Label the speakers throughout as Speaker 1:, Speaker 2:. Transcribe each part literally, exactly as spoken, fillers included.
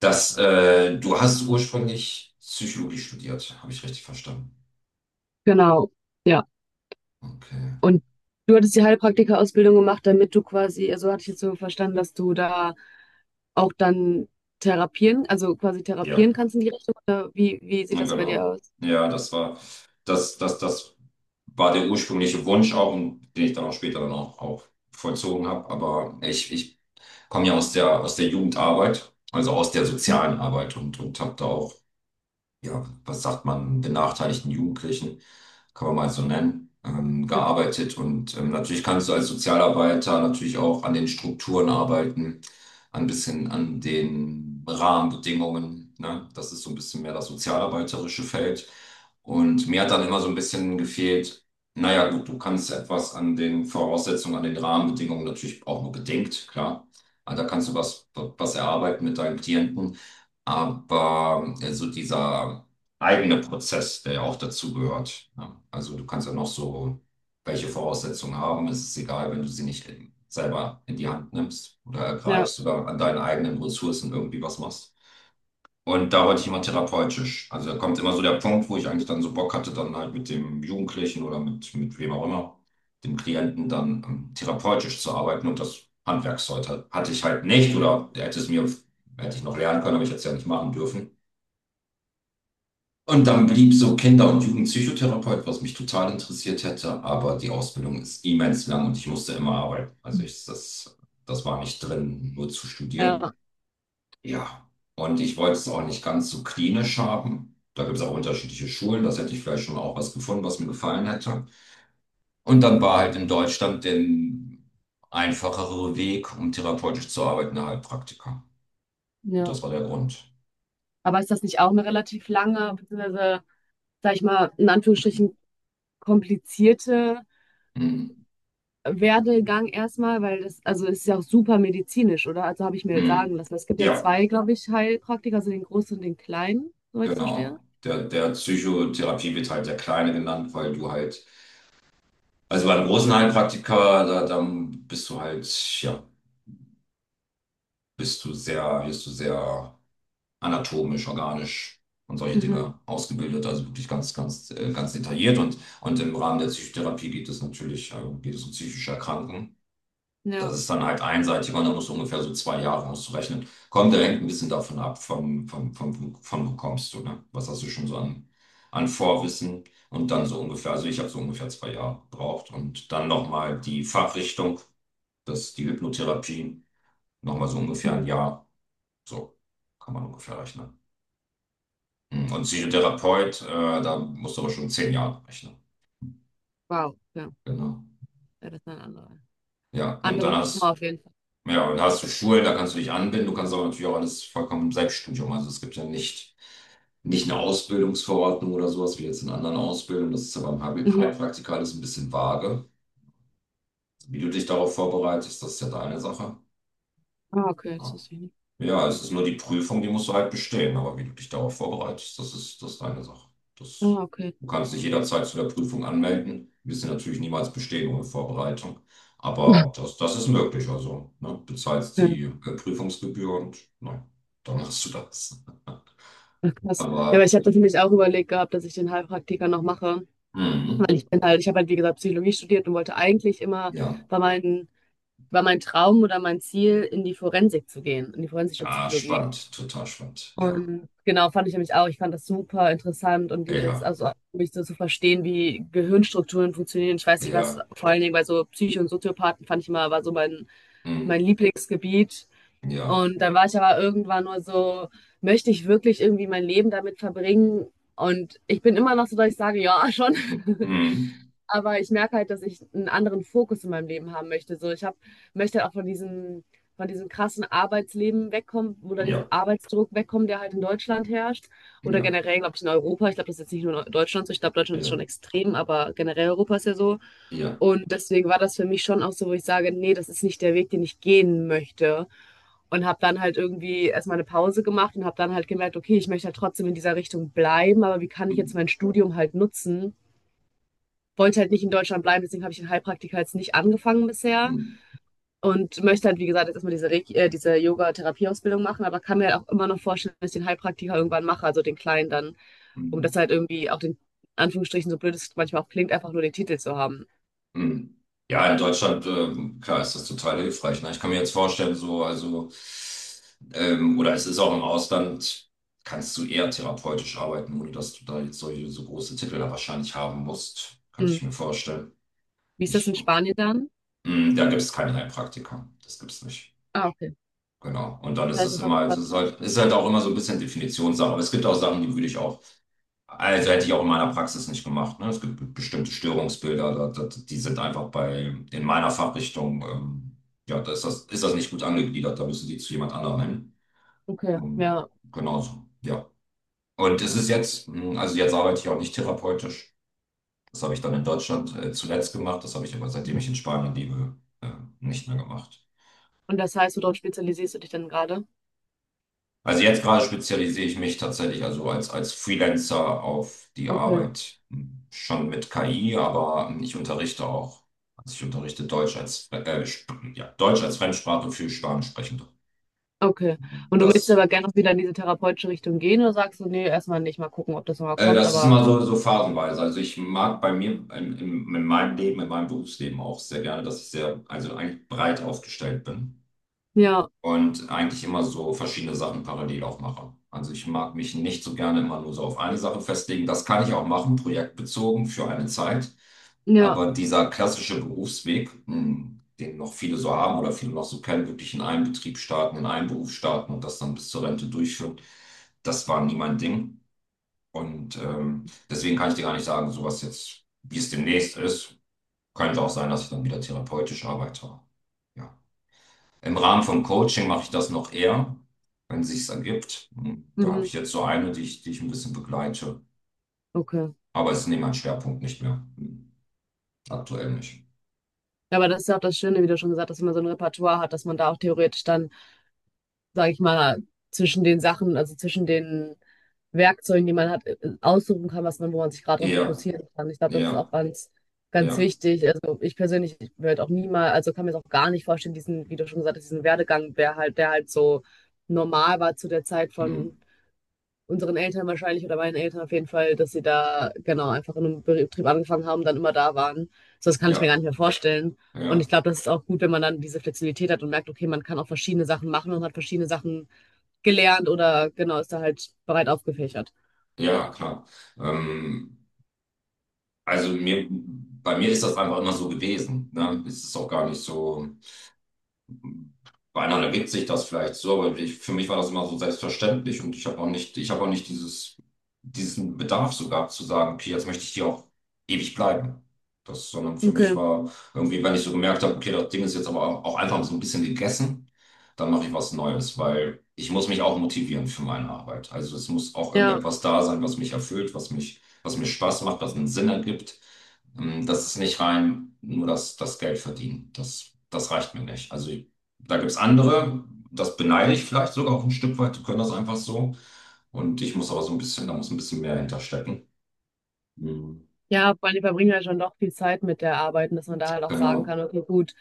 Speaker 1: Das, äh, du hast ursprünglich Psychologie studiert, habe ich richtig verstanden.
Speaker 2: Genau, ja.
Speaker 1: Okay.
Speaker 2: Und du hattest die Heilpraktika-Ausbildung gemacht, damit du quasi, also hatte ich jetzt so verstanden, dass du da auch dann therapieren, also quasi
Speaker 1: Ja,
Speaker 2: therapieren kannst in die Richtung, oder wie, wie sieht
Speaker 1: na
Speaker 2: das bei dir
Speaker 1: genau.
Speaker 2: aus?
Speaker 1: Ja, das war, das, das, das war der ursprüngliche Wunsch auch, und den ich dann auch später dann auch, auch vollzogen habe. Aber ich, ich komme ja aus der, aus der Jugendarbeit, also aus der
Speaker 2: Mhm.
Speaker 1: sozialen Arbeit und, und habe da auch, ja, was sagt man, benachteiligten Jugendlichen, kann man mal so nennen, ähm,
Speaker 2: Ja,
Speaker 1: gearbeitet. Und ähm, natürlich kannst du als Sozialarbeiter natürlich auch an den Strukturen arbeiten, ein bisschen an den Rahmenbedingungen. Ne? Das ist so ein bisschen mehr das sozialarbeiterische Feld. Und mir hat dann immer so ein bisschen gefehlt, naja, gut, du kannst etwas an den Voraussetzungen, an den Rahmenbedingungen natürlich auch nur bedingt, klar. Aber da kannst du was, was erarbeiten mit deinen Klienten. Aber äh, so dieser eigene Prozess, der ja auch dazu gehört. Ja. Also du kannst ja noch so welche Voraussetzungen haben. Es ist egal, wenn du sie nicht in, selber in die Hand nimmst oder
Speaker 2: ja,
Speaker 1: ergreifst oder an deinen eigenen Ressourcen irgendwie was machst. Und da wollte ich immer therapeutisch. Also da kommt immer so der Punkt, wo ich eigentlich dann so Bock hatte, dann halt mit dem Jugendlichen oder mit, mit wem auch immer, dem Klienten dann ähm, therapeutisch zu arbeiten. Und das Handwerkszeug hat- hatte ich halt nicht oder hätte es mir, hätte ich noch lernen können, aber ich hätte es ja nicht machen dürfen. Und dann blieb so Kinder- und Jugendpsychotherapeut, was mich total interessiert hätte, aber die Ausbildung ist immens lang und ich musste immer arbeiten. Also ich, das, das war nicht drin, nur zu
Speaker 2: ja.
Speaker 1: studieren. Ja, und ich wollte es auch nicht ganz so klinisch haben. Da gibt es auch unterschiedliche Schulen. Das hätte ich vielleicht schon auch was gefunden, was mir gefallen hätte. Und dann war halt in Deutschland der einfachere Weg, um therapeutisch zu arbeiten, der Heilpraktiker.
Speaker 2: ja.
Speaker 1: Das war der Grund.
Speaker 2: Aber ist das nicht auch eine relativ lange, beziehungsweise, sag ich mal, in Anführungsstrichen komplizierte
Speaker 1: Hm.
Speaker 2: Werdegang erstmal, weil das, also es ist ja auch super medizinisch, oder? Also habe ich mir jetzt sagen
Speaker 1: Hm.
Speaker 2: lassen. Es gibt ja
Speaker 1: Ja,
Speaker 2: zwei, glaube ich, Heilpraktiker, also den großen und den kleinen, soweit ich das verstehe.
Speaker 1: genau. Der, der Psychotherapie wird halt der Kleine genannt, weil du halt, also bei einem großen Heilpraktiker, da, dann bist du halt, ja, bist du sehr, wirst du sehr anatomisch, organisch und solche
Speaker 2: Mhm.
Speaker 1: Dinge ausgebildet, also wirklich ganz, ganz, äh, ganz detailliert. Und, und im Rahmen der Psychotherapie geht es natürlich, äh, geht es um psychische Erkrankungen. Das
Speaker 2: Ja.
Speaker 1: ist dann halt einseitiger und da musst du ungefähr so zwei Jahre auszurechnen, kommt, der hängt ein bisschen davon ab, vom, vom, vom, von wo kommst du, ne? Was hast du schon so an, an Vorwissen? Und dann so ungefähr, also ich habe so ungefähr zwei Jahre gebraucht. Und dann nochmal die Fachrichtung, das, die Hypnotherapie, nochmal so ungefähr
Speaker 2: Mhm.
Speaker 1: ein Jahr. So kann man ungefähr rechnen. Mhm. Und Psychotherapeut, äh, da musst du aber schon zehn Jahre rechnen.
Speaker 2: Wow, ja.
Speaker 1: Genau.
Speaker 2: Ja, das ist eine andere.
Speaker 1: Ja, und
Speaker 2: Andere
Speaker 1: dann
Speaker 2: Nummer
Speaker 1: hast,
Speaker 2: auf jeden Fall.
Speaker 1: ja, und hast du Schulen, da kannst du dich anbinden, du kannst aber natürlich auch alles vollkommen im Selbststudium. Also es gibt ja nicht, nicht eine Ausbildungsverordnung oder sowas wie jetzt in anderen Ausbildungen. Das ist ja beim Heil-
Speaker 2: Mhm.
Speaker 1: Heilpraktiker alles ein bisschen vage. Wie du dich darauf vorbereitest, das ist ja deine Sache.
Speaker 2: Ah, okay, das
Speaker 1: Ja.
Speaker 2: wusste ich nicht.
Speaker 1: Ja, es ist nur die Prüfung, die musst du halt bestehen. Aber wie du dich darauf vorbereitest, das ist, das ist deine Sache. Das,
Speaker 2: Ah, okay.
Speaker 1: du kannst dich jederzeit zu der Prüfung anmelden. Wirst sie natürlich niemals bestehen ohne Vorbereitung. Aber das, das ist möglich. Also, ne, bezahlst
Speaker 2: Okay.
Speaker 1: die äh, Prüfungsgebühr und na, dann machst du das.
Speaker 2: Ach, krass. Ja, aber
Speaker 1: Aber,
Speaker 2: ich hatte nämlich auch überlegt gehabt, dass ich den Heilpraktiker noch mache.
Speaker 1: mhm,
Speaker 2: Weil ich bin halt, ich habe halt, wie gesagt, Psychologie studiert und wollte eigentlich immer
Speaker 1: ja,
Speaker 2: bei meinen, war mein Traum oder mein Ziel, in die Forensik zu gehen, in die forensische
Speaker 1: ja,
Speaker 2: Psychologie.
Speaker 1: spannend, total spannend. Ja,
Speaker 2: Und genau, fand ich nämlich auch. Ich fand das super interessant und dieses,
Speaker 1: ja,
Speaker 2: also mich so zu verstehen, wie Gehirnstrukturen funktionieren. Ich weiß nicht, was,
Speaker 1: ja,
Speaker 2: vor allen Dingen bei so Psycho- und Soziopathen fand ich immer, war so mein, mein
Speaker 1: mm,
Speaker 2: Lieblingsgebiet.
Speaker 1: ja,
Speaker 2: Und dann war ich aber irgendwann nur so, möchte ich wirklich irgendwie mein Leben damit verbringen? Und ich bin immer noch so, dass ich sage, ja, schon.
Speaker 1: mm,
Speaker 2: Aber ich merke halt, dass ich einen anderen Fokus in meinem Leben haben möchte. So, ich habe möchte halt auch von diesem von diesem krassen Arbeitsleben wegkommen oder diesem
Speaker 1: ja,
Speaker 2: Arbeitsdruck wegkommen, der halt in Deutschland herrscht oder
Speaker 1: ja,
Speaker 2: generell, glaube ich, in Europa. Ich glaube, das ist jetzt nicht nur in Deutschland so. Ich glaube, Deutschland ist
Speaker 1: ja,
Speaker 2: schon extrem, aber generell Europa ist ja so.
Speaker 1: ja,
Speaker 2: Und deswegen war das für mich schon auch so, wo ich sage: nee, das ist nicht der Weg, den ich gehen möchte.“ Und habe dann halt irgendwie erst mal 'ne Pause gemacht und habe dann halt gemerkt: „Okay, ich möchte halt trotzdem in dieser Richtung bleiben, aber wie kann ich jetzt
Speaker 1: mm,
Speaker 2: mein Studium halt nutzen, wollte halt nicht in Deutschland bleiben, deswegen habe ich den Heilpraktiker jetzt nicht angefangen bisher
Speaker 1: mm,
Speaker 2: und möchte halt, wie gesagt, jetzt erstmal diese, äh, diese Yoga-Therapieausbildung machen, aber kann mir halt auch immer noch vorstellen, dass ich den Heilpraktiker irgendwann mache, also den kleinen dann, um das
Speaker 1: mm.
Speaker 2: halt irgendwie auch den, in Anführungsstrichen, so blöd es manchmal auch klingt, einfach nur den Titel zu haben.
Speaker 1: Hm. Ja, in Deutschland, ähm, klar, ist das total hilfreich. Ne? Ich kann mir jetzt vorstellen, so, also, ähm, oder es ist auch im Ausland, kannst du eher therapeutisch arbeiten, ohne dass du da jetzt solche so große Titel da wahrscheinlich haben musst, könnte
Speaker 2: Mhm.
Speaker 1: ich mir vorstellen.
Speaker 2: Wie ist das
Speaker 1: Ich,
Speaker 2: in Spanien dann?
Speaker 1: hm, da gibt es keinen Heilpraktiker. Das gibt es nicht.
Speaker 2: Ah, okay.
Speaker 1: Genau. Und dann
Speaker 2: Das
Speaker 1: ist
Speaker 2: heißt,
Speaker 1: es
Speaker 2: das hast
Speaker 1: immer,
Speaker 2: du
Speaker 1: also
Speaker 2: gerade
Speaker 1: es ist
Speaker 2: wieder.
Speaker 1: halt, ist halt auch immer so ein bisschen Definitionssache. Aber es gibt auch Sachen, die würde ich auch. Also hätte ich auch in meiner Praxis nicht gemacht. Ne? Es gibt be- bestimmte Störungsbilder, da, da, die sind einfach bei, in meiner Fachrichtung, ähm, ja, da ist das, ist das nicht gut angegliedert, da müssen die zu jemand anderem hin.
Speaker 2: Okay,
Speaker 1: Und
Speaker 2: ja.
Speaker 1: genauso, ja. Und es
Speaker 2: ja.
Speaker 1: ist jetzt, mh, also jetzt arbeite ich auch nicht therapeutisch. Das habe ich dann in Deutschland äh, zuletzt gemacht, das habe ich aber seitdem ich in Spanien lebe, äh, nicht mehr gemacht.
Speaker 2: Und das heißt, worauf spezialisierst du dich dann gerade?
Speaker 1: Also jetzt gerade spezialisiere ich mich tatsächlich also als, als Freelancer auf die
Speaker 2: Okay,
Speaker 1: Arbeit, hm, schon mit K I, aber hm, ich unterrichte auch, also ich unterrichte Deutsch als, äh, Sp- ja, Deutsch als Fremdsprache für Spanischsprechende.
Speaker 2: okay. Und du möchtest
Speaker 1: Das,
Speaker 2: aber gerne auch wieder in diese therapeutische Richtung gehen oder sagst du, nee, erstmal nicht, mal gucken, ob das nochmal
Speaker 1: äh,
Speaker 2: kommt,
Speaker 1: das ist
Speaker 2: aber
Speaker 1: immer so, so phasenweise. Also ich mag bei mir in, in, in meinem Leben, in meinem Berufsleben auch sehr gerne, dass ich sehr, also eigentlich breit aufgestellt bin.
Speaker 2: ja.
Speaker 1: Und eigentlich immer so verschiedene Sachen parallel auch mache. Also ich mag mich nicht so gerne immer nur so auf eine Sache festlegen. Das kann ich auch machen, projektbezogen für eine Zeit.
Speaker 2: Ja,
Speaker 1: Aber dieser klassische Berufsweg, mh, den noch viele so haben oder viele noch so kennen, wirklich in einem Betrieb starten, in einem Beruf starten und das dann bis zur Rente durchführen, das war nie mein Ding. Und ähm, deswegen kann ich dir gar nicht sagen, so was jetzt, wie es demnächst ist. Könnte auch sein, dass ich dann wieder therapeutisch arbeite. Ja. Im Rahmen von Coaching mache ich das noch eher, wenn es sich ergibt. Und da habe
Speaker 2: mhm,
Speaker 1: ich jetzt so eine, die ich, die ich ein bisschen begleite.
Speaker 2: okay.
Speaker 1: Aber es ist nicht mein Schwerpunkt nicht mehr. Hm. Aktuell nicht.
Speaker 2: Ja, aber das ist ja auch das Schöne, wie du schon gesagt hast, wenn man so ein Repertoire hat, dass man da auch theoretisch dann, sage ich mal, zwischen den Sachen, also zwischen den Werkzeugen, die man hat, äh, aussuchen kann, was man, wo man sich gerade darauf
Speaker 1: Ja,
Speaker 2: fokussieren kann. Ich glaube, das ist auch
Speaker 1: ja,
Speaker 2: ganz, ganz
Speaker 1: ja,
Speaker 2: wichtig. Also ich persönlich werde auch niemals, also kann mir das auch gar nicht vorstellen, diesen, wie du schon gesagt hast, diesen Werdegang, der halt, der halt so normal war zu der Zeit
Speaker 1: hm.
Speaker 2: von unseren Eltern wahrscheinlich oder meinen Eltern auf jeden Fall, dass sie da genau einfach in einem Betrieb angefangen haben, dann immer da waren. So, das kann ich mir
Speaker 1: Ja,
Speaker 2: gar nicht mehr vorstellen. Und ich
Speaker 1: ja,
Speaker 2: glaube, das ist auch gut, wenn man dann diese Flexibilität hat und merkt, okay, man kann auch verschiedene Sachen machen und hat verschiedene Sachen gelernt oder genau, ist da halt breit aufgefächert.
Speaker 1: ja, klar. Ähm, also mir, bei mir ist das einfach immer so gewesen. Ne? Es ist auch gar nicht so. Bei anderen ergibt sich das vielleicht so, aber ich, für mich war das immer so selbstverständlich und ich habe auch nicht, ich habe auch nicht dieses, diesen Bedarf so gehabt zu sagen, okay, jetzt möchte ich hier auch ewig bleiben. Das, sondern für mich
Speaker 2: Okay.
Speaker 1: war irgendwie, wenn ich so gemerkt habe, okay, das Ding ist jetzt aber auch auch einfach so ein bisschen gegessen, dann mache ich was Neues, weil ich muss mich auch motivieren für meine Arbeit. Also es muss auch
Speaker 2: Ja.
Speaker 1: irgendetwas da sein, was mich erfüllt, was mich, was mir Spaß macht, was einen Sinn ergibt. Ähm, Das ist nicht rein nur das, das Geld verdienen. Das, das reicht mir nicht. Also da gibt es andere, das beneide ich vielleicht sogar auch ein Stück weit, die können das einfach so. Und ich muss aber so ein bisschen, da muss ein bisschen mehr hinterstecken. Mhm.
Speaker 2: Ja, vor allem die verbringen ja schon doch viel Zeit mit der Arbeit und dass man da halt auch sagen
Speaker 1: Genau.
Speaker 2: kann, okay, gut,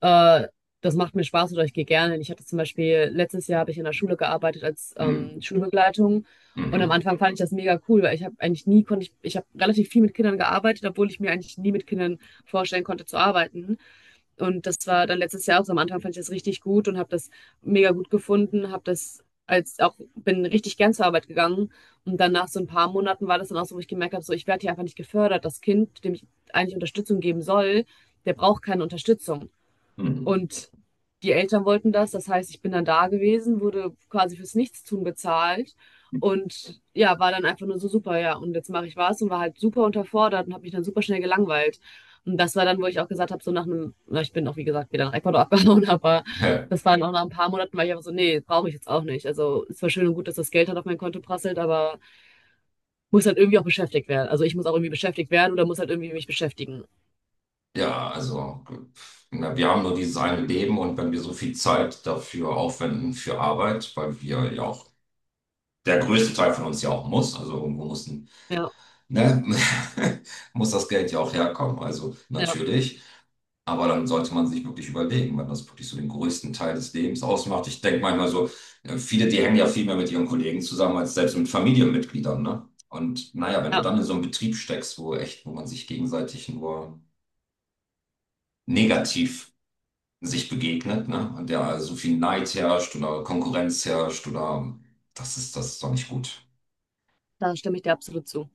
Speaker 2: äh, das macht mir Spaß oder ich gehe gerne. Hin. Ich hatte zum Beispiel, letztes Jahr habe ich in der Schule gearbeitet als ähm,
Speaker 1: Mhm.
Speaker 2: Schulbegleitung und am
Speaker 1: Mhm.
Speaker 2: Anfang fand ich das mega cool, weil ich habe eigentlich nie, konnte ich, ich habe relativ viel mit Kindern gearbeitet, obwohl ich mir eigentlich nie mit Kindern vorstellen konnte zu arbeiten. Und das war dann letztes Jahr auch so. Am Anfang fand ich das richtig gut und habe das mega gut gefunden, habe das als auch, bin richtig gern zur Arbeit gegangen. Und dann nach so ein paar Monaten war das dann auch so, wo ich gemerkt habe, so ich werde hier einfach nicht gefördert. Das Kind, dem ich eigentlich Unterstützung geben soll, der braucht keine Unterstützung.
Speaker 1: Mhm.
Speaker 2: Und die Eltern wollten das. Das heißt, ich bin dann da gewesen, wurde quasi fürs Nichtstun bezahlt und ja, war dann einfach nur so super, ja. Und jetzt mache ich was und war halt super unterfordert und habe mich dann super schnell gelangweilt. Und das war dann, wo ich auch gesagt habe, so nach einem, na, ich bin auch wie gesagt wieder nach Ecuador abgehauen, aber
Speaker 1: Ja,
Speaker 2: das war dann auch nach ein paar Monaten, weil ich einfach so, nee, brauche ich jetzt auch nicht. Also es war schön und gut, dass das Geld halt auf mein Konto prasselt, aber muss halt irgendwie auch beschäftigt werden. Also ich muss auch irgendwie beschäftigt werden oder muss halt irgendwie mich beschäftigen.
Speaker 1: ja, also pf, na, wir haben nur dieses eine Leben und wenn wir so viel Zeit dafür aufwenden für Arbeit, weil wir ja auch, der größte Teil von uns ja auch muss, also irgendwo muss, ein-
Speaker 2: Ja,
Speaker 1: ne, muss das Geld ja auch herkommen. Also
Speaker 2: ja,
Speaker 1: natürlich. Aber dann sollte man sich wirklich überlegen, wenn das wirklich so den größten Teil des Lebens ausmacht. Ich denke manchmal so, äh, viele, die hängen ja viel mehr mit ihren Kollegen zusammen als selbst mit Familienmitgliedern, ne? Und naja, wenn du
Speaker 2: ja,
Speaker 1: dann in so einem Betrieb steckst, wo echt, wo man sich gegenseitig nur negativ sich begegnet, ne? Und der so viel Neid herrscht oder Konkurrenz herrscht oder das ist, das ist doch nicht gut.
Speaker 2: da stimme ich dir absolut zu.